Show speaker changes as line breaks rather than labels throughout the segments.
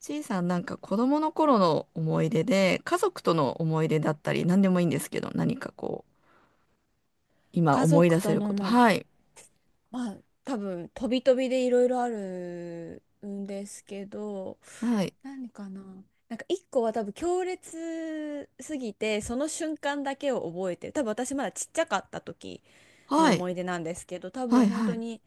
ちいさん、なんか子供の頃の思い出で、家族との思い出だったり、何でもいいんですけど、何かこう、今
家
思い
族
出せ
と
る
の
こと。
思い出。
はい。
まあ、多分、飛び飛びでいろいろあるんですけど、
はい。
何かな。なんか一個は多分強烈すぎて、その瞬間だけを覚えてる。多分私まだちっちゃかった時の
はい。
思い出なんですけど、多
は
分
い。
本
は
当
い。
に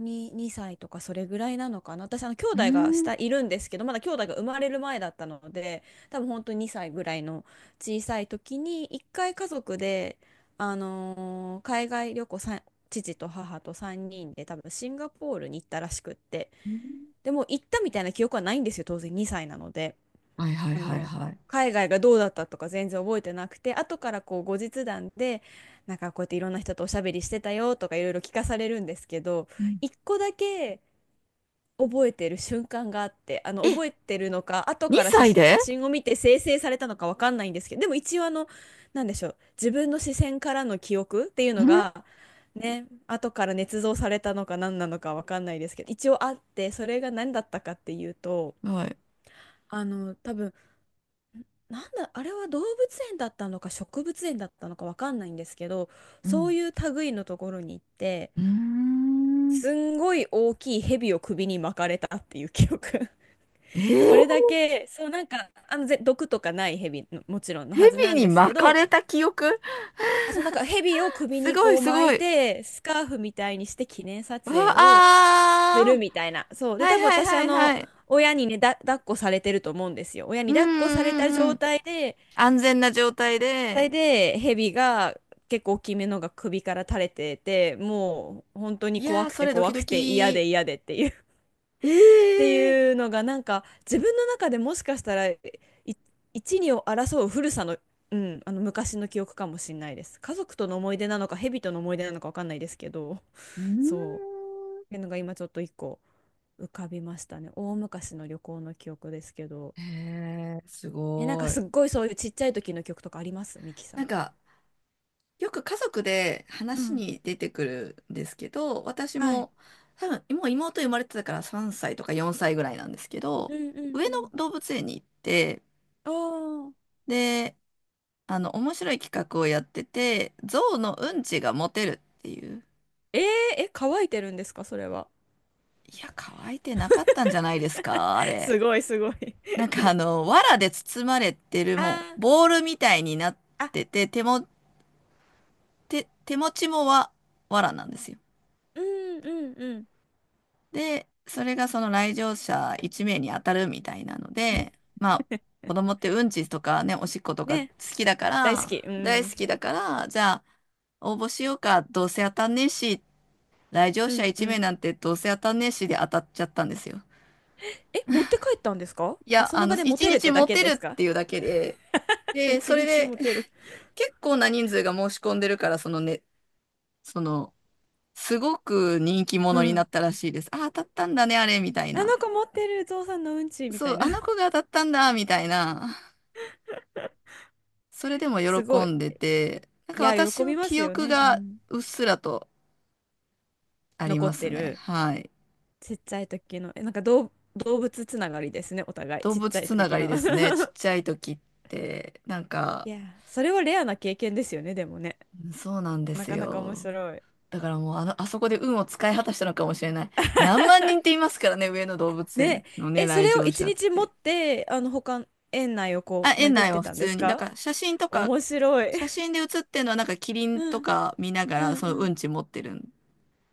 2歳とかそれぐらいなのかな。私、兄
う
弟が
ーん。
下いるんですけど、まだ兄弟が生まれる前だったので、多分本当に2歳ぐらいの小さい時に、一回家族で、海外旅行さん、父と母と3人で多分シンガポールに行ったらしくって。でも行ったみたいな記憶はないんですよ、当然2歳なので。
はい。はい。
あ
はい。
の
はい。
海外がどうだったとか全然覚えてなくて、後からこう後日談で、なんかこうやっていろんな人とおしゃべりしてたよとかいろいろ聞かされるんですけど、
うん。
一個だけ覚えてる瞬間があって、
え、
覚えてるのか後から写
2歳で？
真を見て生成されたのかわかんないんですけど、でも一応、なんでしょう、自分の視線からの記憶っていう
う
の
ん。
がね、後から捏造されたのか何なのかわかんないですけど、一応あって、それが何だったかっていうと、
はい。
あの多分なんだ、あれは動物園だったのか植物園だったのかわかんないんですけど、
う
そう
ん。
いう類のところに行って、
うーん。
すんごい大きい蛇を首に巻かれたっていう記憶。
え
これ
ー、
だけ、そうなんか、あの、毒とかない蛇の、もちろんのはず
蛇
なん
に
ですけ
巻か
ど、
れた記憶？
あ、そうなんか蛇を 首
す
に
ごい、
こう
す
巻
ご
い
い。
て、スカーフみたいにして記念撮
うわ、
影をする
あ
みたいな。そう。
ー。
で、
はい。
多分
は
私、あ
い。はい。
の、
はい。
親にね、だ、抱っこされてると思うんですよ。親
う
に
ん。う
抱っこされ
ん。
た
うんう
状
ん。
態で、
安全な状態
それ
で、
で、ヘビが結構大きめのが首から垂れてて、もう本当に
い
怖
やー、
く
そ
て
れドキ
怖く
ド
て嫌
キ。
で嫌でっていう
え
って
ー、
いうのがなんか自分の中でもしかしたら一二を争う古さの、うん、あの昔の記憶かもしれないです。家族との思い出なのか、ヘビとの思い出なのかわかんないですけど、
うー
そう。
ん。
っていうのが今ちょっと一個浮かびましたね。大昔の旅行の記憶ですけど。
えー、す
え、なんか
ご
す
い。
っごいそういうちっちゃい時の記憶とかありますミキさ
なん
ん。
か、よく家族で
う
話
ん。
に出てくるんですけど、私
はい。
も、多分、もう妹生まれてたから3歳とか4歳ぐらいなんですけど、
うんうん、
上野
うん。
動物園に行って、
おー。
で、あの、面白い企画をやってて、象のうんちがモテるっていう。
えー、え、乾いてるんですか、それは。
いや、乾いてなかったんじゃないですか、あ れ。
すごい、すごい。
なんかあの、藁で包まれてる、も
あ、
う、ボールみたいになっ
ああ、
てて、手も、手持ちも藁なんですよ。
うんうんうん。
で、それがその来場者1名に当たるみたいなので、まあ、子供ってうんちとかね、おしっことか好
ね、
きだか
大好き。
ら、
う
大好
ん。
きだから、じゃあ、応募しようか、どうせ当たんねえし、来場
う
者
んう
1名
ん。
なんてどうせ当たんねえしで当たっちゃったんですよ。
え、持って帰ったんですか、
い
あ、
や、
そ
あ
の
の、
場で持
1
てるっ
日
てだ
モ
け
テる
で
っ
すか？
ていうだけで、で、
一
それ
日中
で、
持てる。
結構な人数が申し込んでるから、そのね、その、すごく人気
う
者にな
ん。
ったらしいです。あ、当たったんだね、あれ、みたい
あの
な。
子持ってるゾウさんのうんちみた
そ
い
う、
な。
あの子 が当たったんだ、みたいな。それでも
すご
喜
い。
んでて、なん
い
か
や、
私
喜
も
びま
記
すよ
憶
ね。う
が
ん。
うっすらとあり
残
ま
っ
す
て
ね。
る。
はい。
ちっちゃい時の。え、なんか動物つながりですね、お互い。
動
ちっちゃ
物
い
つな
時
がり
の。
ですね。ちっ ちゃい時って、なん
い
か、
や、それはレアな経験ですよね、でもね。
そうなんで
な
す
かなか面
よ。
白い。
だからもうあの、あそこで運を使い果たしたのかもしれない。何万人っていますからね、上野動物
ね
園のね、
え、そ
来
れを
場
一
者っ
日持っ
て。
て、あの、他、園内を
あ、
こう、
園
巡っ
内
て
は普
たんで
通
す
に。だ
か？
から写真とか、
面白い。
写 真で写ってるのはなんかキリン
う
と
ん
か見なが
う
ら
ん
その
う
う
ん。
んち持ってるん。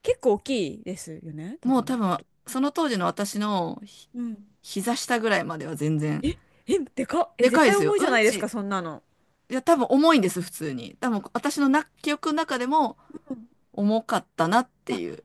結構大きいですよね、多
もう多
分。
分、その当時の私の
うん。
膝下ぐらいまでは全然。
え、え、でかっ。え、
で
絶
かいで
対
すよ。
重いじゃ
うん
ないです
ち、
か、そんなの。
いや多分重いんです、普通に。多分私の記憶の中でも
うん。
重かったなって
あ、
いう。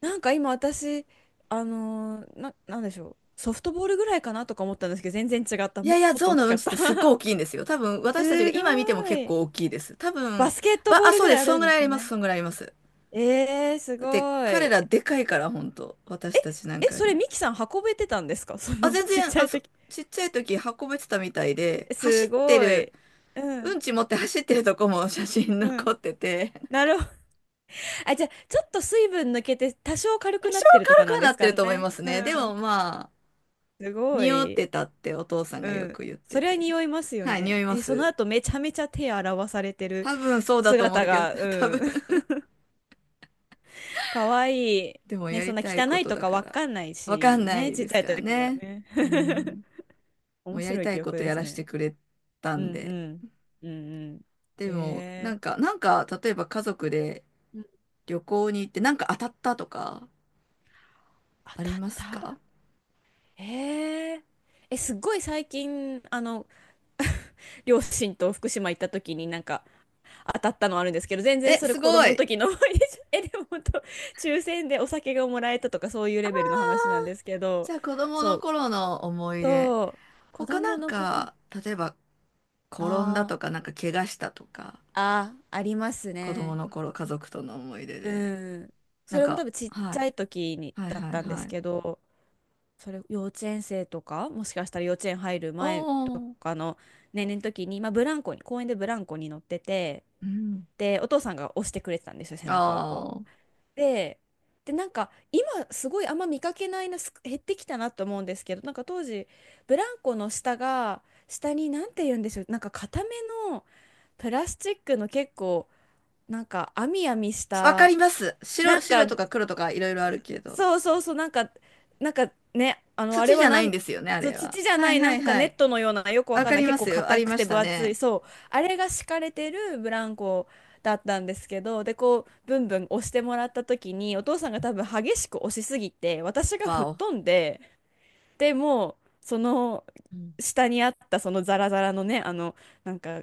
なんか今私、なんでしょう。ソフトボールぐらいかなとか思ったんですけど、全然違った。
いやいや、
もっと
象
大き
のう
か
ん
っ
ちっ
た。
てすっごい 大きいんですよ。多分私たちが
す
今見ても
ご
結
い。
構大きいです。多
バ
分、
スケットボール
そう
ぐ
で
らい
す。
あ
そん
る
ぐ
んで
らいあ
す
り
か
ます。
ね。
そんぐらいあります。
えー、す
だって
ご
彼
い。
らでかいから、本当私たちなん
え、
かよ
そ
り
れ
も。
ミキさん運べてたんですか？ そ
あ、
の
全
ちっち
然、
ゃ
あ、
い
そ、
時。
ちっちゃい時運べてたみたいで、走
す
って
ご
る、
い。う
う
ん。
んち持って走ってるとこも写真
う
残
ん。
ってて、
なるほど。あ、じゃあ、ちょっと水分抜けて多少軽
多
くな
少
ってるとか
軽く
なん
は
で
なっ
す
て
か
ると思い
ね。
ます
う
ね。でも
ん。
まあ、
すご
匂っ
い。
てたってお父さん
う
がよ
ん。
く言って
それは
て。
匂いますよ
はい、匂
ね。
いま
え、その
す。
後めちゃめちゃ手洗わされてる
多分そうだと思うん
姿
だけど、
が、
多
う
分
ん。かわいい。
でも
ね、
や
そん
り
な
たい
汚
こ
い
と
と
だ
か
か
わ
ら、
かんない
わかん
し、
な
ね、
い
ちっ
で
ち
す
ゃい
から
時は
ね。
ね。
うん。もう
面
やり
白い
た
記
いこ
憶
と
で
や
す
らせ
ね。
てくれた
う
ん
んう
で。
ん。うんうん。
でも、な
え
ん
ー、
か、なんか、例えば家族で旅行に行って、なんか当たったとか、
当
あ
た
り
っ
ますか？
た。へえ。え、すっごい最近、あの、両親と福島行った時になんか当たったのあるんですけど、全然
え、
それ
す
子
ご
供の
い。
時の思い出じゃ、え、でも本当、抽選でお酒がもらえたとかそういうレベルの話なんですけ
じ
ど、
ゃあ子供
そ
の
う、
頃の思い出。
そう、子
他な
供
ん
の頃、
か、例えば転んだ
あ
とか、なんか怪我したとか、
あ、ああ、あります
子供
ね。
の頃家族との思い出
う
で。
ん。そ
なん
れも多
か、
分ちっ
は
ちゃ
い。
い時に
はい
だっ
はい
たんで
は
す
い。
けど、それ幼稚園生とかもしかしたら幼稚園入る
お
前と
ー。
かの年齢の時に、まあ、ブランコに公園でブランコに乗ってて、
うん。
でお父さんが押してくれてたんですよ、背中をこ
あ
う。
あ。
で、でなんか今すごいあんま見かけないな、減ってきたなと思うんですけど、なんか当時ブランコの下が、下になんて言うんでしょう、なんか固めのプラスチックの、結構なんか網網し
わか
た、
ります。白、
なんか
白と
ね、
か黒とかいろいろあるけど。
そうそうそう、なんか、なんかね、あの、あれ
土じ
は
ゃな
な
いん
ん、
ですよね、あ
そう
れは。
土じゃ
は
な
い
い、
は
なん
い
か
は
ネ
い。
ットのような、よくわ
わ
かん
か
ない、
り
結
ま
構
すよ。あ
硬
り
く
ま
て
し
分
た
厚い、
ね。
そう、あれが敷かれてるブランコだったんですけど、で、こう、ブンブン押してもらった時に、お父さんが多分激しく押しすぎて、私が
わ
吹っ
お。
飛んで、でもう、その、
うん。
下にあったそのザラザラのね、あの、なんか、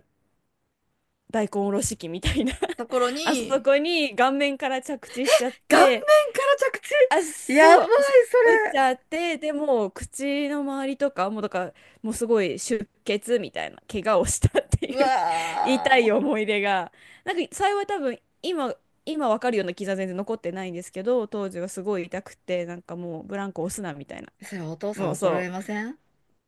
大根おろし器みたいな
と ころ
あそ
に、
こに顔面から着地しちゃっ
顔面
て、
から着
あ、
地やば
そ
い、
う、そ
そ
打っちゃって、でもう口の周りとか、もうだから、もうすごい出血みたいな、怪我をしたって
れ。う
いう 痛
わ
い思い出が、なんか幸い多分、今わかるような傷は全然残ってないんですけど、当時はすごい痛くて、なんかもうブランコ押すなみたいな、
ー。それお父さ
も
ん
う
怒られ
そ
ません？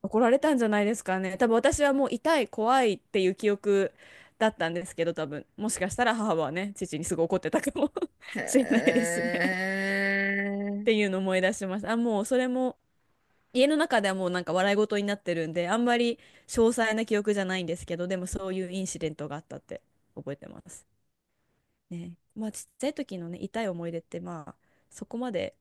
う、怒られたんじゃないですかね。多分私はもう痛い、怖いっていう記憶だったんですけど、多分、もしかしたら母はね、父にすごい怒ってたかも
へ
しれないですね。っ
え。
ていうのを思い出しました。あ、もうそれも家の中ではもうなんか笑い事になってるんで、あんまり詳細な記憶じゃないんですけど、でもそういうインシデントがあったって覚えてます。ね。まあちっちゃい時のね、痛い思い出ってまあそこまで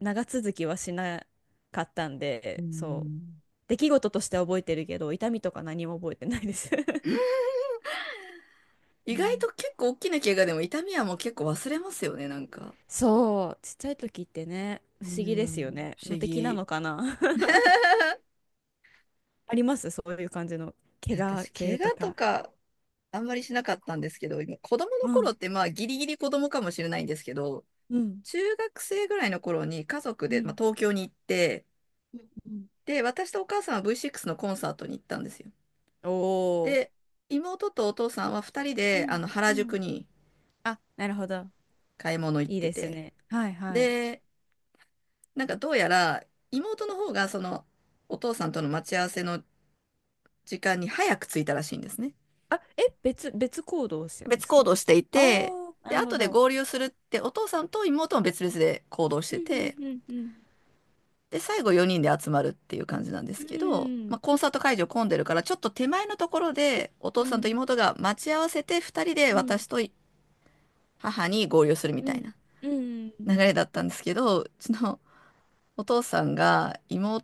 長続きはしなかったん
う
で、そう。
ん。
出来事としては覚えてるけど、痛みとか何も覚えてないです。
意外
ね。
と結構大きな怪我でも痛みはもう結構忘れますよね、なんか。
そう、ちっちゃい時ってね、不
う
思議ですよ
ん、
ね。
不
無
思
敵な
議。
のかな。 ありますそういう感じの怪我
私、怪
系と
我と
か。
かあんまりしなかったんですけど、今子供の
う
頃
ん
ってまあギリギリ子供かもしれないんですけど、
うん。
中学生ぐらいの頃に家族
う
で、まあ、
ん。
東京に行って、
うんうん。
で、私とお母さんは V6 のコンサートに行ったんですよ。
お
で、
ー。
妹とお父さんは2人
う
であ
ん
の
う
原
ん。
宿に
あ、なるほど。
買い物行っ
いい
て
です
て、
ね。はいはい。
で、なんかどうやら妹の方がそのお父さんとの待ち合わせの時間に早く着いたらしいんですね。
あ、え、別行動をしてるん
別
です
行
か？
動してい
あ
て、
あー、な
で、
るほ
後で
ど。
合流するってお父さんと妹も別々で行動し
うん
て
う
て、
んうん、
で、最後4人で集まるっていう感じなんで
う
す
ん。
けど、
う
まあ、
ん。
コンサート会場混んでるから、ちょっと手前のところで、お父
う
さんと
ん
妹が待ち合わせて、2人で
う
私
ん
と母に合流するみ
う
たい
ん。
な
う
流
ん。
れだったんですけど、うちのお父さんが妹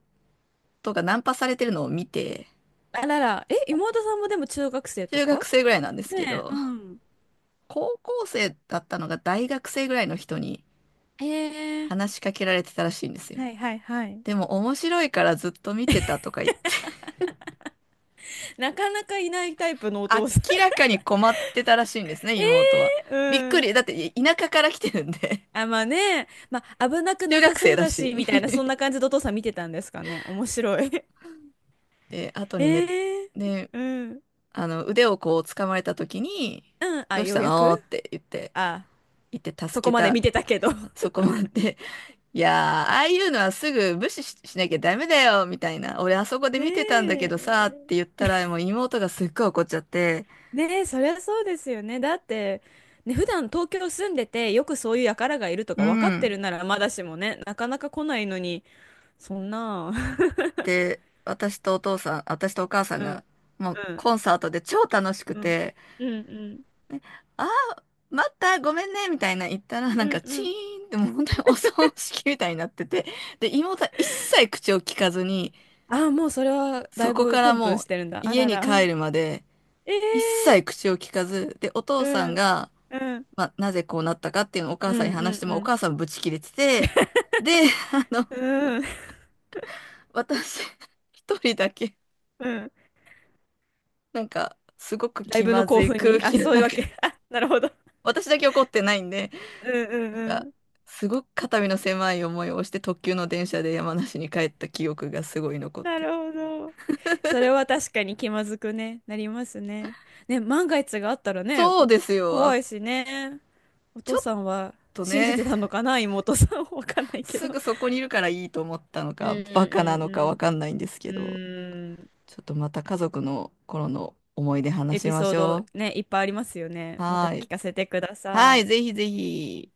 がナンパされてるのを見て、
あらら、え、妹さんもでも中学生と
中
か？
学生ぐらいなんですけ
ねえ、う
ど、
ん。
高校生だったのが大学生ぐらいの人に
え
話しかけられてたらしいんですよ。
え、はいはいはい。
でも面白いからずっと見てたとか言って、
なかなかいないタイプのお父さん。
明らかに困ってたらしいんですね、
え
妹は。
え
びっ
ー、う
く
ん。
り。だって田舎から来てるんで、
あ、まあね、まあ危なく
中
なさ
学
そ
生
う
だ
だ
し。
し、みたいな、そんな感じでお父さん見てたんですかね。面白い。
で、後にね、
ええ、
で、
うん。
あの、腕をこう掴まれた時に、
うん。あ、
どうし
よう
た
やく。
のって言って、
あ、
行って助
そこ
け
まで
た、
見てたけど。
そこまで。いやー、ああいうのはすぐ無視し、しなきゃダメだよ、みたいな。俺あそこ で見てたんだけ
ね
どさ、っ
え。
て言ったら、もう妹がすっごい怒っちゃって、
ねえ、そりゃそうですよね。だって、ね、普段東京住んでて、よくそういう輩がいると
う
か分かって
ん。
るならまだしもね、なかなか来ないのに、そんな。
で、私とお母さん
う
が、
ん、
もう
うん、
コンサートで超楽しく
うん、
て、
うん、うん、
あー、待った、ごめんね、みたいな言ったら、な
う
んか
ん、
チ
う
ー
ん。
ンってもう本当にお葬式みたいになってて、で、妹は一切口を聞かずに、
ああ、もうそれはだ
そ
い
こ
ぶ
か
プ
ら
ンプン
もう
してるんだ。あ
家
ら
に
ら。
帰るまで、一
ええ、
切口を聞かず、で、お父
う
さん
ん、
が、
うん、うん、
まあ、なぜこうなったかっていうのをお
う
母
ん、
さんに話しても、
う
お
ん、
母さんブチ切れてて、で、あの、
うん、
私、一人だけ、
うん。
なんか、すごく
ライ
気
ブの
まず
興
い
奮
空
に、あ、
気の
そういうわ
中、
け。あ、なるほど。
私だけ怒ってないんで、
うん、う
なん
ん、
か、
うん。
すごく肩身の狭い思いをして特急の電車で山梨に帰った記憶がすごい残っ
な
て
る
る。
ほど。それは確かに気まずくね、なりますね。ね、万が一があったらね、
そうですよ。
怖
あ、
いしね。お
ち
父
ょっ
さんは
と
信じ
ね、
てたのかな、妹さん。わかんないけ
す
ど。
ぐそこにいるからいいと思ったの
うん、
か、
う
バカなの
ん、
かわかんないんです
う
け
ん、
ど。
うん。うーん。
ちょっとまた家族の頃の思い出話
エ
し
ピ
ま
ソー
し
ド
ょ
ね、いっぱいありますよ
う。
ね。また
はー
聞
い。
かせてくだ
はー
さ
い、
い。
ぜひぜひ。